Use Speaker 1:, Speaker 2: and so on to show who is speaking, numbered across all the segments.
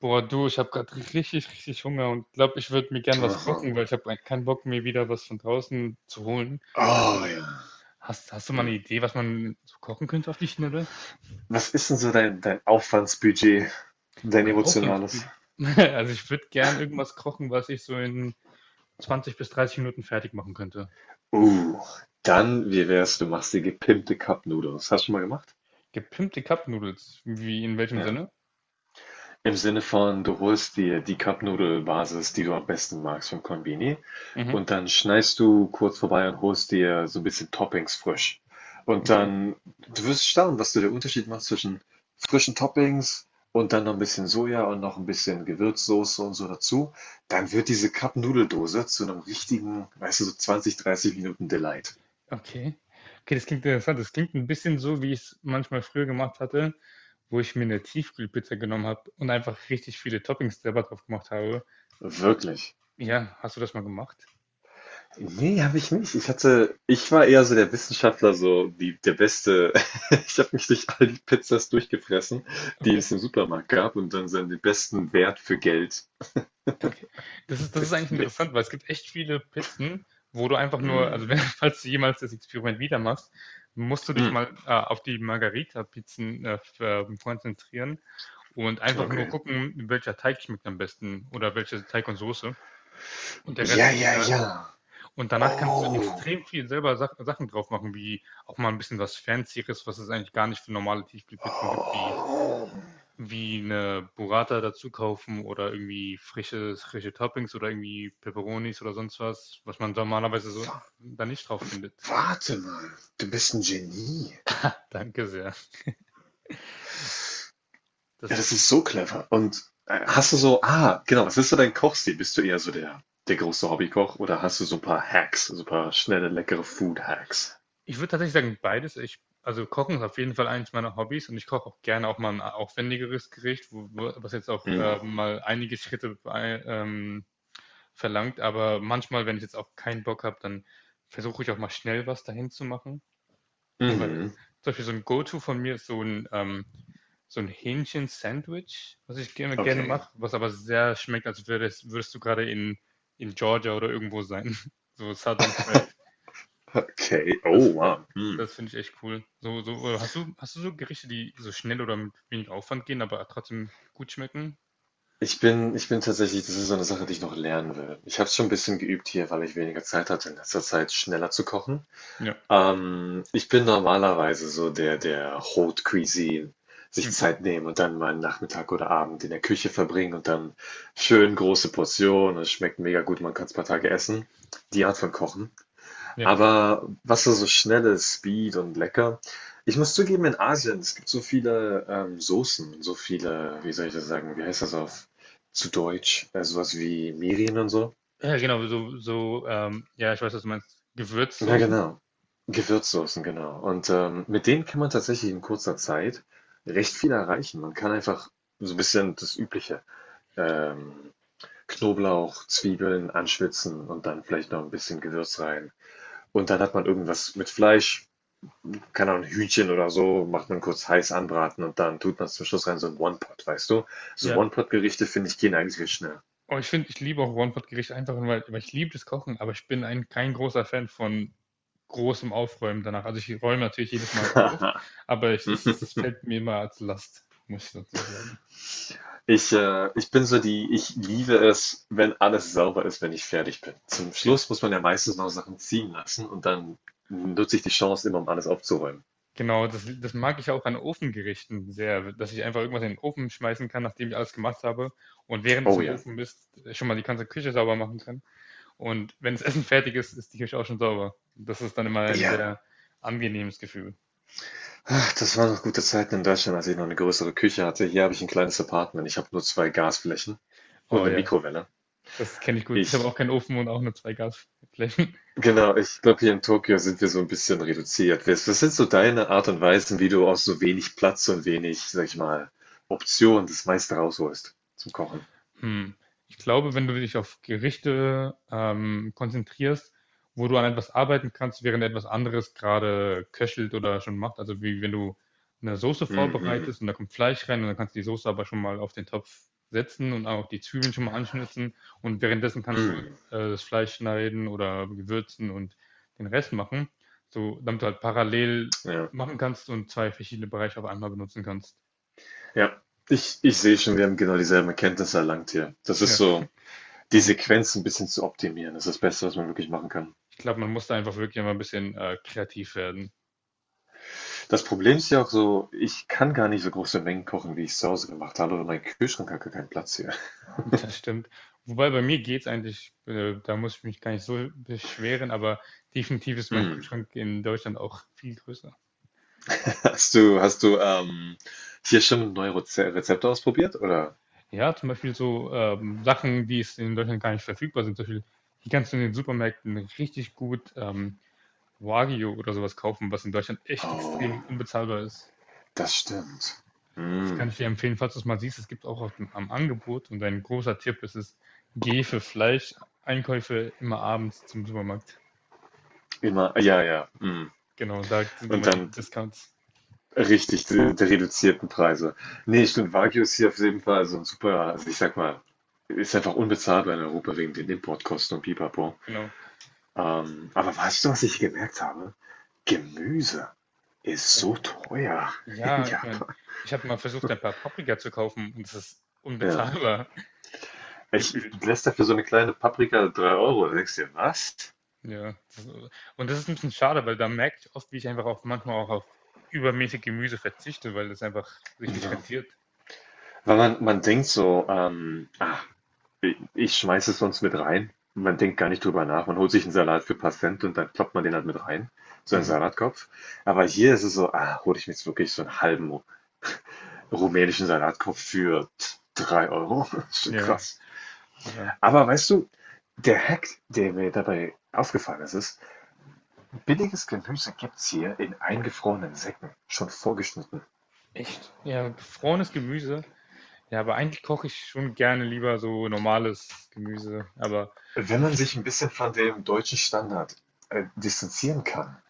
Speaker 1: Boah, du, ich habe gerade richtig, richtig Hunger und glaube, ich würde mir gern was
Speaker 2: Aha.
Speaker 1: kochen, weil ich habe keinen Bock, mir wieder was von draußen zu holen. Hast du
Speaker 2: Oh
Speaker 1: mal,
Speaker 2: ja.
Speaker 1: hast du mal eine
Speaker 2: Hm.
Speaker 1: Idee, was man so kochen könnte auf die Schnelle?
Speaker 2: Was ist denn so dein Aufwandsbudget, dein
Speaker 1: Man
Speaker 2: emotionales?
Speaker 1: Hoffnungsbü. Also ich würde gern irgendwas kochen, was ich so in 20 bis 30 Minuten fertig machen könnte.
Speaker 2: Uh, dann, wie wär's, du machst dir gepimpte Cup Noodles. Hast du schon mal gemacht?
Speaker 1: Gepimpte Cup Noodles. Wie, in welchem
Speaker 2: Ja.
Speaker 1: Sinne?
Speaker 2: Im Sinne von, du holst dir die Cup-Nudel-Basis, die du am besten magst vom Konbini
Speaker 1: Mhm.
Speaker 2: und dann schneidest du kurz vorbei und holst dir so ein bisschen Toppings frisch. Und
Speaker 1: Okay.
Speaker 2: dann du wirst staunen, was du der Unterschied machst zwischen frischen Toppings und dann noch ein bisschen Soja und noch ein bisschen Gewürzsoße und so dazu. Dann wird diese Cup-Nudeldose zu einem richtigen, weißt du, so 20, 30 Minuten Delight.
Speaker 1: Okay. Okay, das klingt interessant. Das klingt ein bisschen so, wie ich es manchmal früher gemacht hatte, wo ich mir eine Tiefkühlpizza genommen habe und einfach richtig viele Toppings selber drauf gemacht habe.
Speaker 2: Wirklich.
Speaker 1: Ja, hast du das mal gemacht?
Speaker 2: Nee, habe ich nicht. Ich war eher so der Wissenschaftler, so der Beste. Ich habe mich durch all die Pizzas durchgefressen, die
Speaker 1: Okay.
Speaker 2: es im Supermarkt gab und dann so den besten Wert für Geld
Speaker 1: Okay. Das ist eigentlich
Speaker 2: destilliert.
Speaker 1: interessant, weil es gibt echt viele Pizzen, wo du einfach nur,
Speaker 2: Mm,
Speaker 1: also, wenn falls du jemals das Experiment wieder machst, musst du dich
Speaker 2: mm,
Speaker 1: mal, auf die margarita pizzen f konzentrieren und einfach nur
Speaker 2: okay.
Speaker 1: gucken, welcher Teig schmeckt am besten oder welche Teig und Soße, und der Rest
Speaker 2: Ja,
Speaker 1: ist
Speaker 2: ja,
Speaker 1: egal.
Speaker 2: ja.
Speaker 1: Und danach kannst du
Speaker 2: Oh,
Speaker 1: extrem viel selber Sachen drauf machen, wie auch mal ein bisschen was Fancyeres, was es eigentlich gar nicht für normale Tiefkühlpizzen gibt, wie,
Speaker 2: oh,
Speaker 1: wie eine Burrata dazu kaufen oder irgendwie frische Toppings oder irgendwie Peperonis oder sonst was, was man normalerweise so
Speaker 2: wa-
Speaker 1: da nicht drauf findet.
Speaker 2: warte mal. Du bist ein Genie.
Speaker 1: Danke sehr. Das
Speaker 2: Ja,
Speaker 1: ist,
Speaker 2: das ist so clever. Und hast du so, ah, genau, was ist so dein Kochstil? Bist du eher so der große Hobbykoch oder hast du so ein paar Hacks, so ein paar schnelle, leckere Food-Hacks?
Speaker 1: ich würde tatsächlich sagen, beides. Ich, also Kochen ist auf jeden Fall eines meiner Hobbys und ich koche auch gerne auch mal ein aufwendigeres Gericht, was jetzt auch
Speaker 2: Mhm.
Speaker 1: mal einige Schritte bei, verlangt, aber manchmal, wenn ich jetzt auch keinen Bock habe, dann versuche ich auch mal schnell was dahin zu machen. Weil
Speaker 2: Mhm.
Speaker 1: zum Beispiel so ein Go-To von mir ist so ein Hähnchen-Sandwich, was ich gerne
Speaker 2: Okay.
Speaker 1: mache, was aber sehr schmeckt, als würdest du gerade in Georgia oder irgendwo sein. So Southern Fried.
Speaker 2: Okay. Oh,
Speaker 1: Das, das,
Speaker 2: wow. Mhm.
Speaker 1: das, finde ich echt cool. Oder hast du so Gerichte, die so schnell oder mit wenig Aufwand gehen, aber trotzdem gut schmecken?
Speaker 2: Ich bin tatsächlich, das ist so eine Sache, die ich noch lernen will. Ich habe es schon ein bisschen geübt hier, weil ich weniger Zeit hatte in letzter Zeit, schneller zu kochen.
Speaker 1: Ja.
Speaker 2: Ich bin normalerweise so der Haute Cuisine, sich
Speaker 1: Mhm.
Speaker 2: Zeit nehmen und dann mal einen Nachmittag oder Abend in der Küche verbringen und dann schön große Portionen. Es schmeckt mega gut, man kann es ein paar Tage essen. Die Art von Kochen.
Speaker 1: Ja.
Speaker 2: Aber was so, so schnell ist, Speed und lecker. Ich muss zugeben, in Asien, es gibt so viele Soßen, so viele, wie soll ich das sagen, wie heißt das auf zu Deutsch? Sowas wie Mirin und so.
Speaker 1: Ja, genau, ja, ich weiß, was du meinst.
Speaker 2: Ja,
Speaker 1: Gewürzsoßen?
Speaker 2: genau. Gewürzsoßen, genau. Und mit denen kann man tatsächlich in kurzer Zeit recht viel erreichen. Man kann einfach so ein bisschen das Übliche, ähm, Knoblauch, Zwiebeln anschwitzen und dann vielleicht noch ein bisschen Gewürz rein. Und dann hat man irgendwas mit Fleisch, keine Ahnung, Hühnchen oder so, macht man kurz heiß anbraten und dann tut man zum Schluss rein so ein One-Pot, weißt du? So
Speaker 1: Ja.
Speaker 2: One-Pot-Gerichte, finde ich, gehen eigentlich viel schneller.
Speaker 1: Und ich finde, ich liebe auch One-Pot-Gerichte einfach, weil, weil ich liebe das Kochen, aber ich bin ein, kein großer Fan von großem Aufräumen danach. Also ich räume natürlich jedes Mal auf, aber ich, es fällt mir immer als Last, muss ich tatsächlich sagen.
Speaker 2: Ich bin so die, ich liebe es, wenn alles sauber ist, wenn ich fertig bin. Zum
Speaker 1: Ge-
Speaker 2: Schluss muss man ja meistens noch Sachen ziehen lassen und dann nutze ich die Chance immer, um alles aufzuräumen.
Speaker 1: Genau, das mag ich auch an Ofengerichten sehr, dass ich einfach irgendwas in den Ofen schmeißen kann, nachdem ich alles gemacht habe und während es
Speaker 2: Oh
Speaker 1: im
Speaker 2: ja.
Speaker 1: Ofen ist, schon mal die ganze Küche sauber machen kann. Und wenn das Essen fertig ist, ist die Küche auch schon sauber. Das ist dann immer ein
Speaker 2: Ja.
Speaker 1: sehr angenehmes Gefühl.
Speaker 2: Ach, das waren noch gute Zeiten in Deutschland, als ich noch eine größere Küche hatte. Hier habe ich ein kleines Apartment. Ich habe nur zwei Gasflächen und
Speaker 1: Oh
Speaker 2: eine
Speaker 1: ja,
Speaker 2: Mikrowelle.
Speaker 1: das kenne ich gut. Ich habe auch
Speaker 2: Ich,
Speaker 1: keinen Ofen und auch nur zwei Gasflächen.
Speaker 2: genau, ich glaube, hier in Tokio sind wir so ein bisschen reduziert. Was was sind so deine Art und Weisen, wie du aus so wenig Platz und wenig, sag ich mal, Optionen das meiste rausholst zum Kochen?
Speaker 1: Hm. Ich glaube, wenn du dich auf Gerichte konzentrierst, wo du an etwas arbeiten kannst, während etwas anderes gerade köchelt oder schon macht, also wie wenn du eine Soße
Speaker 2: Mhm.
Speaker 1: vorbereitest und da kommt Fleisch rein und dann kannst du die Soße aber schon mal auf den Topf setzen und auch die Zwiebeln schon mal anschnitzen und währenddessen kannst du
Speaker 2: Mhm.
Speaker 1: das Fleisch schneiden oder gewürzen und den Rest machen, so damit du halt parallel
Speaker 2: Ja,
Speaker 1: machen kannst und zwei verschiedene Bereiche auf einmal benutzen kannst.
Speaker 2: ja. Ich sehe schon, wir haben genau dieselben Erkenntnisse erlangt hier. Das ist
Speaker 1: Ja,
Speaker 2: so die
Speaker 1: hm.
Speaker 2: Sequenz ein bisschen zu optimieren, ist das Beste, was man wirklich machen kann.
Speaker 1: Ich glaube, man muss da einfach wirklich mal ein bisschen kreativ werden.
Speaker 2: Das Problem ist ja auch so, ich kann gar nicht so große Mengen kochen, wie ich's zu Hause gemacht habe, weil mein Kühlschrank hat gar keinen Platz hier.
Speaker 1: Das stimmt. Wobei bei mir geht's eigentlich, da muss ich mich gar nicht so beschweren, aber definitiv ist mein
Speaker 2: Mhm.
Speaker 1: Kühlschrank in Deutschland auch viel größer.
Speaker 2: Hast du hier schon neue Rezepte ausprobiert, oder?
Speaker 1: Ja, zum Beispiel so Sachen, die es in Deutschland gar nicht verfügbar sind. Zum Beispiel, hier kannst du in den Supermärkten richtig gut Wagyu oder sowas kaufen, was in Deutschland echt extrem
Speaker 2: Oh,
Speaker 1: unbezahlbar ist.
Speaker 2: das stimmt.
Speaker 1: Das kann
Speaker 2: Mhm.
Speaker 1: ich dir empfehlen, falls du es mal siehst. Es gibt auch auf dem, am Angebot, und ein großer Tipp ist es, geh für Fleisch, Einkäufe immer abends zum Supermarkt.
Speaker 2: Immer, ja, ja, mhm.
Speaker 1: Genau, da sind
Speaker 2: Und
Speaker 1: immer
Speaker 2: dann
Speaker 1: die Discounts.
Speaker 2: richtig, die, die reduzierten Preise. Nee, stimmt, Wagyu ist hier auf jeden Fall so ein super, also ich sag mal, ist einfach unbezahlbar in Europa wegen den Importkosten und Pipapo.
Speaker 1: Genau.
Speaker 2: Aber weißt du, was ich gemerkt habe? Gemüse ist
Speaker 1: Ja,
Speaker 2: so teuer in
Speaker 1: ja, ich meine,
Speaker 2: Japan.
Speaker 1: ich habe mal versucht, ein paar Paprika zu kaufen und es ist
Speaker 2: Ja.
Speaker 1: unbezahlbar
Speaker 2: Ich
Speaker 1: gefühlt.
Speaker 2: du lässt dafür so eine kleine Paprika 3 Euro. Da denkst du dir, was?
Speaker 1: Ja, das, und das ist ein bisschen schade, weil da merke ich oft, wie ich einfach auch manchmal auch auf übermäßig Gemüse verzichte, weil das einfach sich nicht
Speaker 2: Ja.
Speaker 1: rentiert.
Speaker 2: Weil man, denkt so, ah, ich schmeiße es sonst mit rein. Man denkt gar nicht drüber nach. Man holt sich einen Salat für ein paar Cent und dann kloppt man den halt mit rein. So einen
Speaker 1: Mhm.
Speaker 2: Salatkopf. Aber hier ist es so, ah, hole ich mir jetzt wirklich so einen halben rumänischen Salatkopf für 3 Euro. Das ist schon
Speaker 1: Ja,
Speaker 2: krass.
Speaker 1: ja.
Speaker 2: Aber weißt du, der Hack, der mir dabei aufgefallen ist, ist, billiges Gemüse gibt's hier in eingefrorenen Säcken, schon vorgeschnitten.
Speaker 1: Echt? Ja, gefrorenes Gemüse. Ja, aber eigentlich koche ich schon gerne lieber so normales Gemüse, aber
Speaker 2: Wenn
Speaker 1: ja,
Speaker 2: man
Speaker 1: v
Speaker 2: sich ein bisschen von dem deutschen Standard distanzieren kann.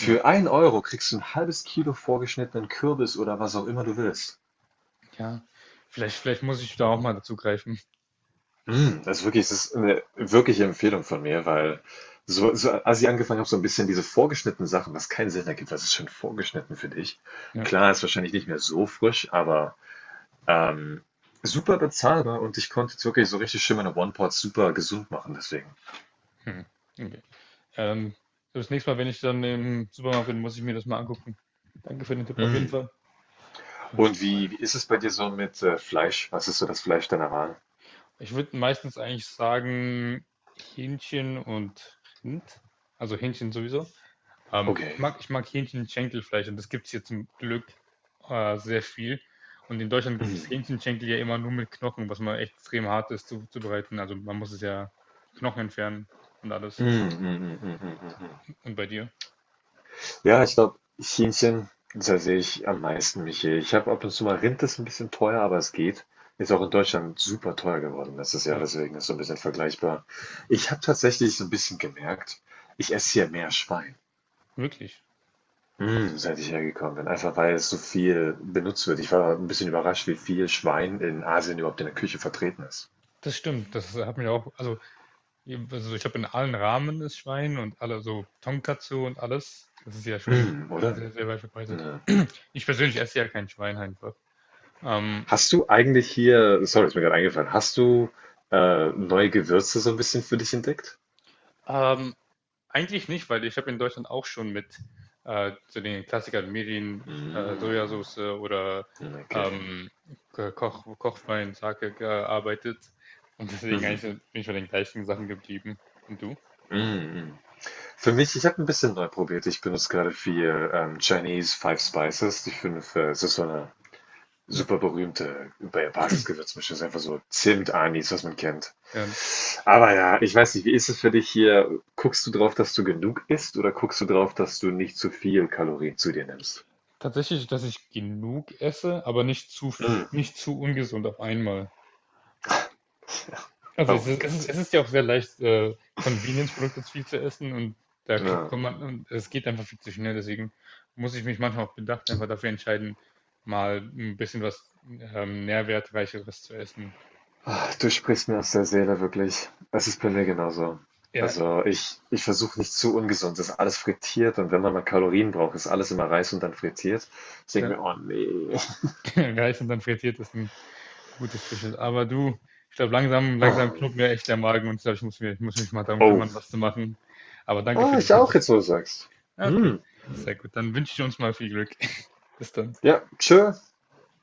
Speaker 1: hm,
Speaker 2: 1 Euro kriegst du ein halbes Kilo vorgeschnittenen Kürbis oder was auch immer du willst.
Speaker 1: ja, vielleicht muss ich da auch mal dazu greifen.
Speaker 2: Mm, also wirklich, es ist eine wirkliche Empfehlung von mir, weil so so als ich angefangen habe, so ein bisschen diese vorgeschnittenen Sachen, was keinen Sinn ergibt, was ist schon vorgeschnitten für dich?
Speaker 1: Ja.
Speaker 2: Klar, ist wahrscheinlich nicht mehr so frisch, aber, ähm, super bezahlbar und ich konnte jetzt wirklich so richtig schön meine One-Pot super gesund machen deswegen.
Speaker 1: Hm, okay. Ähm, so das nächste Mal, wenn ich dann im Supermarkt bin, muss ich mir das mal angucken. Danke für den Tipp auf jeden
Speaker 2: Mm.
Speaker 1: Fall. Aber
Speaker 2: Und wie ist es bei dir so mit Fleisch? Was ist so das Fleisch deiner Wahl?
Speaker 1: ich würde meistens eigentlich sagen Hähnchen und Rind. Also Hähnchen sowieso.
Speaker 2: Okay.
Speaker 1: Ich mag Hähnchenschenkelfleisch und das gibt es hier zum Glück sehr viel. Und in Deutschland gibt
Speaker 2: Mhm.
Speaker 1: es Hähnchenschenkel ja immer nur mit Knochen, was mal echt extrem hart ist zubereiten. Also man muss es ja die Knochen entfernen und
Speaker 2: Mhm,
Speaker 1: alles.
Speaker 2: mhm, mhm, mhm, mhm.
Speaker 1: Und bei dir?
Speaker 2: Ja, ich glaube, Hähnchen, da sehe ich am meisten mich hier. Ich habe ab und zu mal Rind, ist ein bisschen teuer, aber es geht. Ist auch in Deutschland super teuer geworden letztes Jahr,
Speaker 1: Ja,
Speaker 2: deswegen ist so ein bisschen vergleichbar. Ich habe tatsächlich so ein bisschen gemerkt, ich esse hier mehr Schwein,
Speaker 1: wirklich.
Speaker 2: seit ich hergekommen bin. Einfach weil es so viel benutzt wird. Ich war ein bisschen überrascht, wie viel Schwein in Asien überhaupt in der Küche vertreten ist.
Speaker 1: Das stimmt. Das hat mich auch, also, also ich habe in allen Ramen das Schwein und alle so Tonkatsu und alles. Das ist ja schon
Speaker 2: Mm, oder?
Speaker 1: sehr, sehr weit verbreitet.
Speaker 2: Ja.
Speaker 1: Ich persönlich esse ja kein Schwein einfach. Ähm,
Speaker 2: Hast du eigentlich hier, sorry, ist mir gerade eingefallen, hast du neue Gewürze so ein bisschen für dich entdeckt?
Speaker 1: ähm, eigentlich nicht, weil ich habe in Deutschland auch schon mit zu den Klassikern Mirin,
Speaker 2: Mm,
Speaker 1: Sojasauce oder
Speaker 2: okay.
Speaker 1: ähm, Kochwein, Sake gearbeitet. Und deswegen
Speaker 2: Mhm.
Speaker 1: eigentlich so, bin ich bei den gleichen Sachen geblieben. Und du?
Speaker 2: Mm, mm. Für mich, ich habe ein bisschen neu probiert. Ich benutze gerade viel Chinese Five Spices, es ist so eine
Speaker 1: Ja.
Speaker 2: super berühmte Basisgewürzmischung, ist einfach so Zimt, Anis, was man kennt.
Speaker 1: Ja.
Speaker 2: Aber ja, ich weiß nicht, wie ist es für dich hier? Guckst du drauf, dass du genug isst oder guckst du drauf, dass du nicht zu viel Kalorien zu dir nimmst?
Speaker 1: Tatsächlich, dass ich genug esse, aber nicht
Speaker 2: Mm.
Speaker 1: nicht zu ungesund auf einmal. Also
Speaker 2: Oh
Speaker 1: es
Speaker 2: mein
Speaker 1: ist,
Speaker 2: Gott.
Speaker 1: es ist ja auch sehr leicht, Convenience-Produkte zu viel zu essen und da kriegt
Speaker 2: Ja.
Speaker 1: kommt man, und es geht einfach viel zu schnell. Deswegen muss ich mich manchmal auch bedacht einfach dafür entscheiden, mal ein bisschen was Nährwertreicheres zu essen.
Speaker 2: Ah, du sprichst mir aus der Seele, wirklich. Das ist bei mir genauso.
Speaker 1: Ja,
Speaker 2: Also ich versuche nicht zu ungesund. Das ist alles frittiert und wenn man mal Kalorien braucht, ist alles immer Reis und dann frittiert. Ich denke
Speaker 1: ja.
Speaker 2: mir, oh nee.
Speaker 1: Reis und dann frittiert ist ein gutes Schüssel. Aber du, ich glaube, langsam
Speaker 2: Ah,
Speaker 1: knurrt mir echt der Magen und ich glaube, ich muss mich mal darum
Speaker 2: oh.
Speaker 1: kümmern, was zu machen. Aber danke
Speaker 2: Ah,
Speaker 1: für die
Speaker 2: ich auch
Speaker 1: Tipps.
Speaker 2: jetzt, wo du sagst.
Speaker 1: Ah, okay,
Speaker 2: Hm.
Speaker 1: sehr gut. Dann wünsche ich uns mal viel Glück. Bis dann.
Speaker 2: Ja, tschö.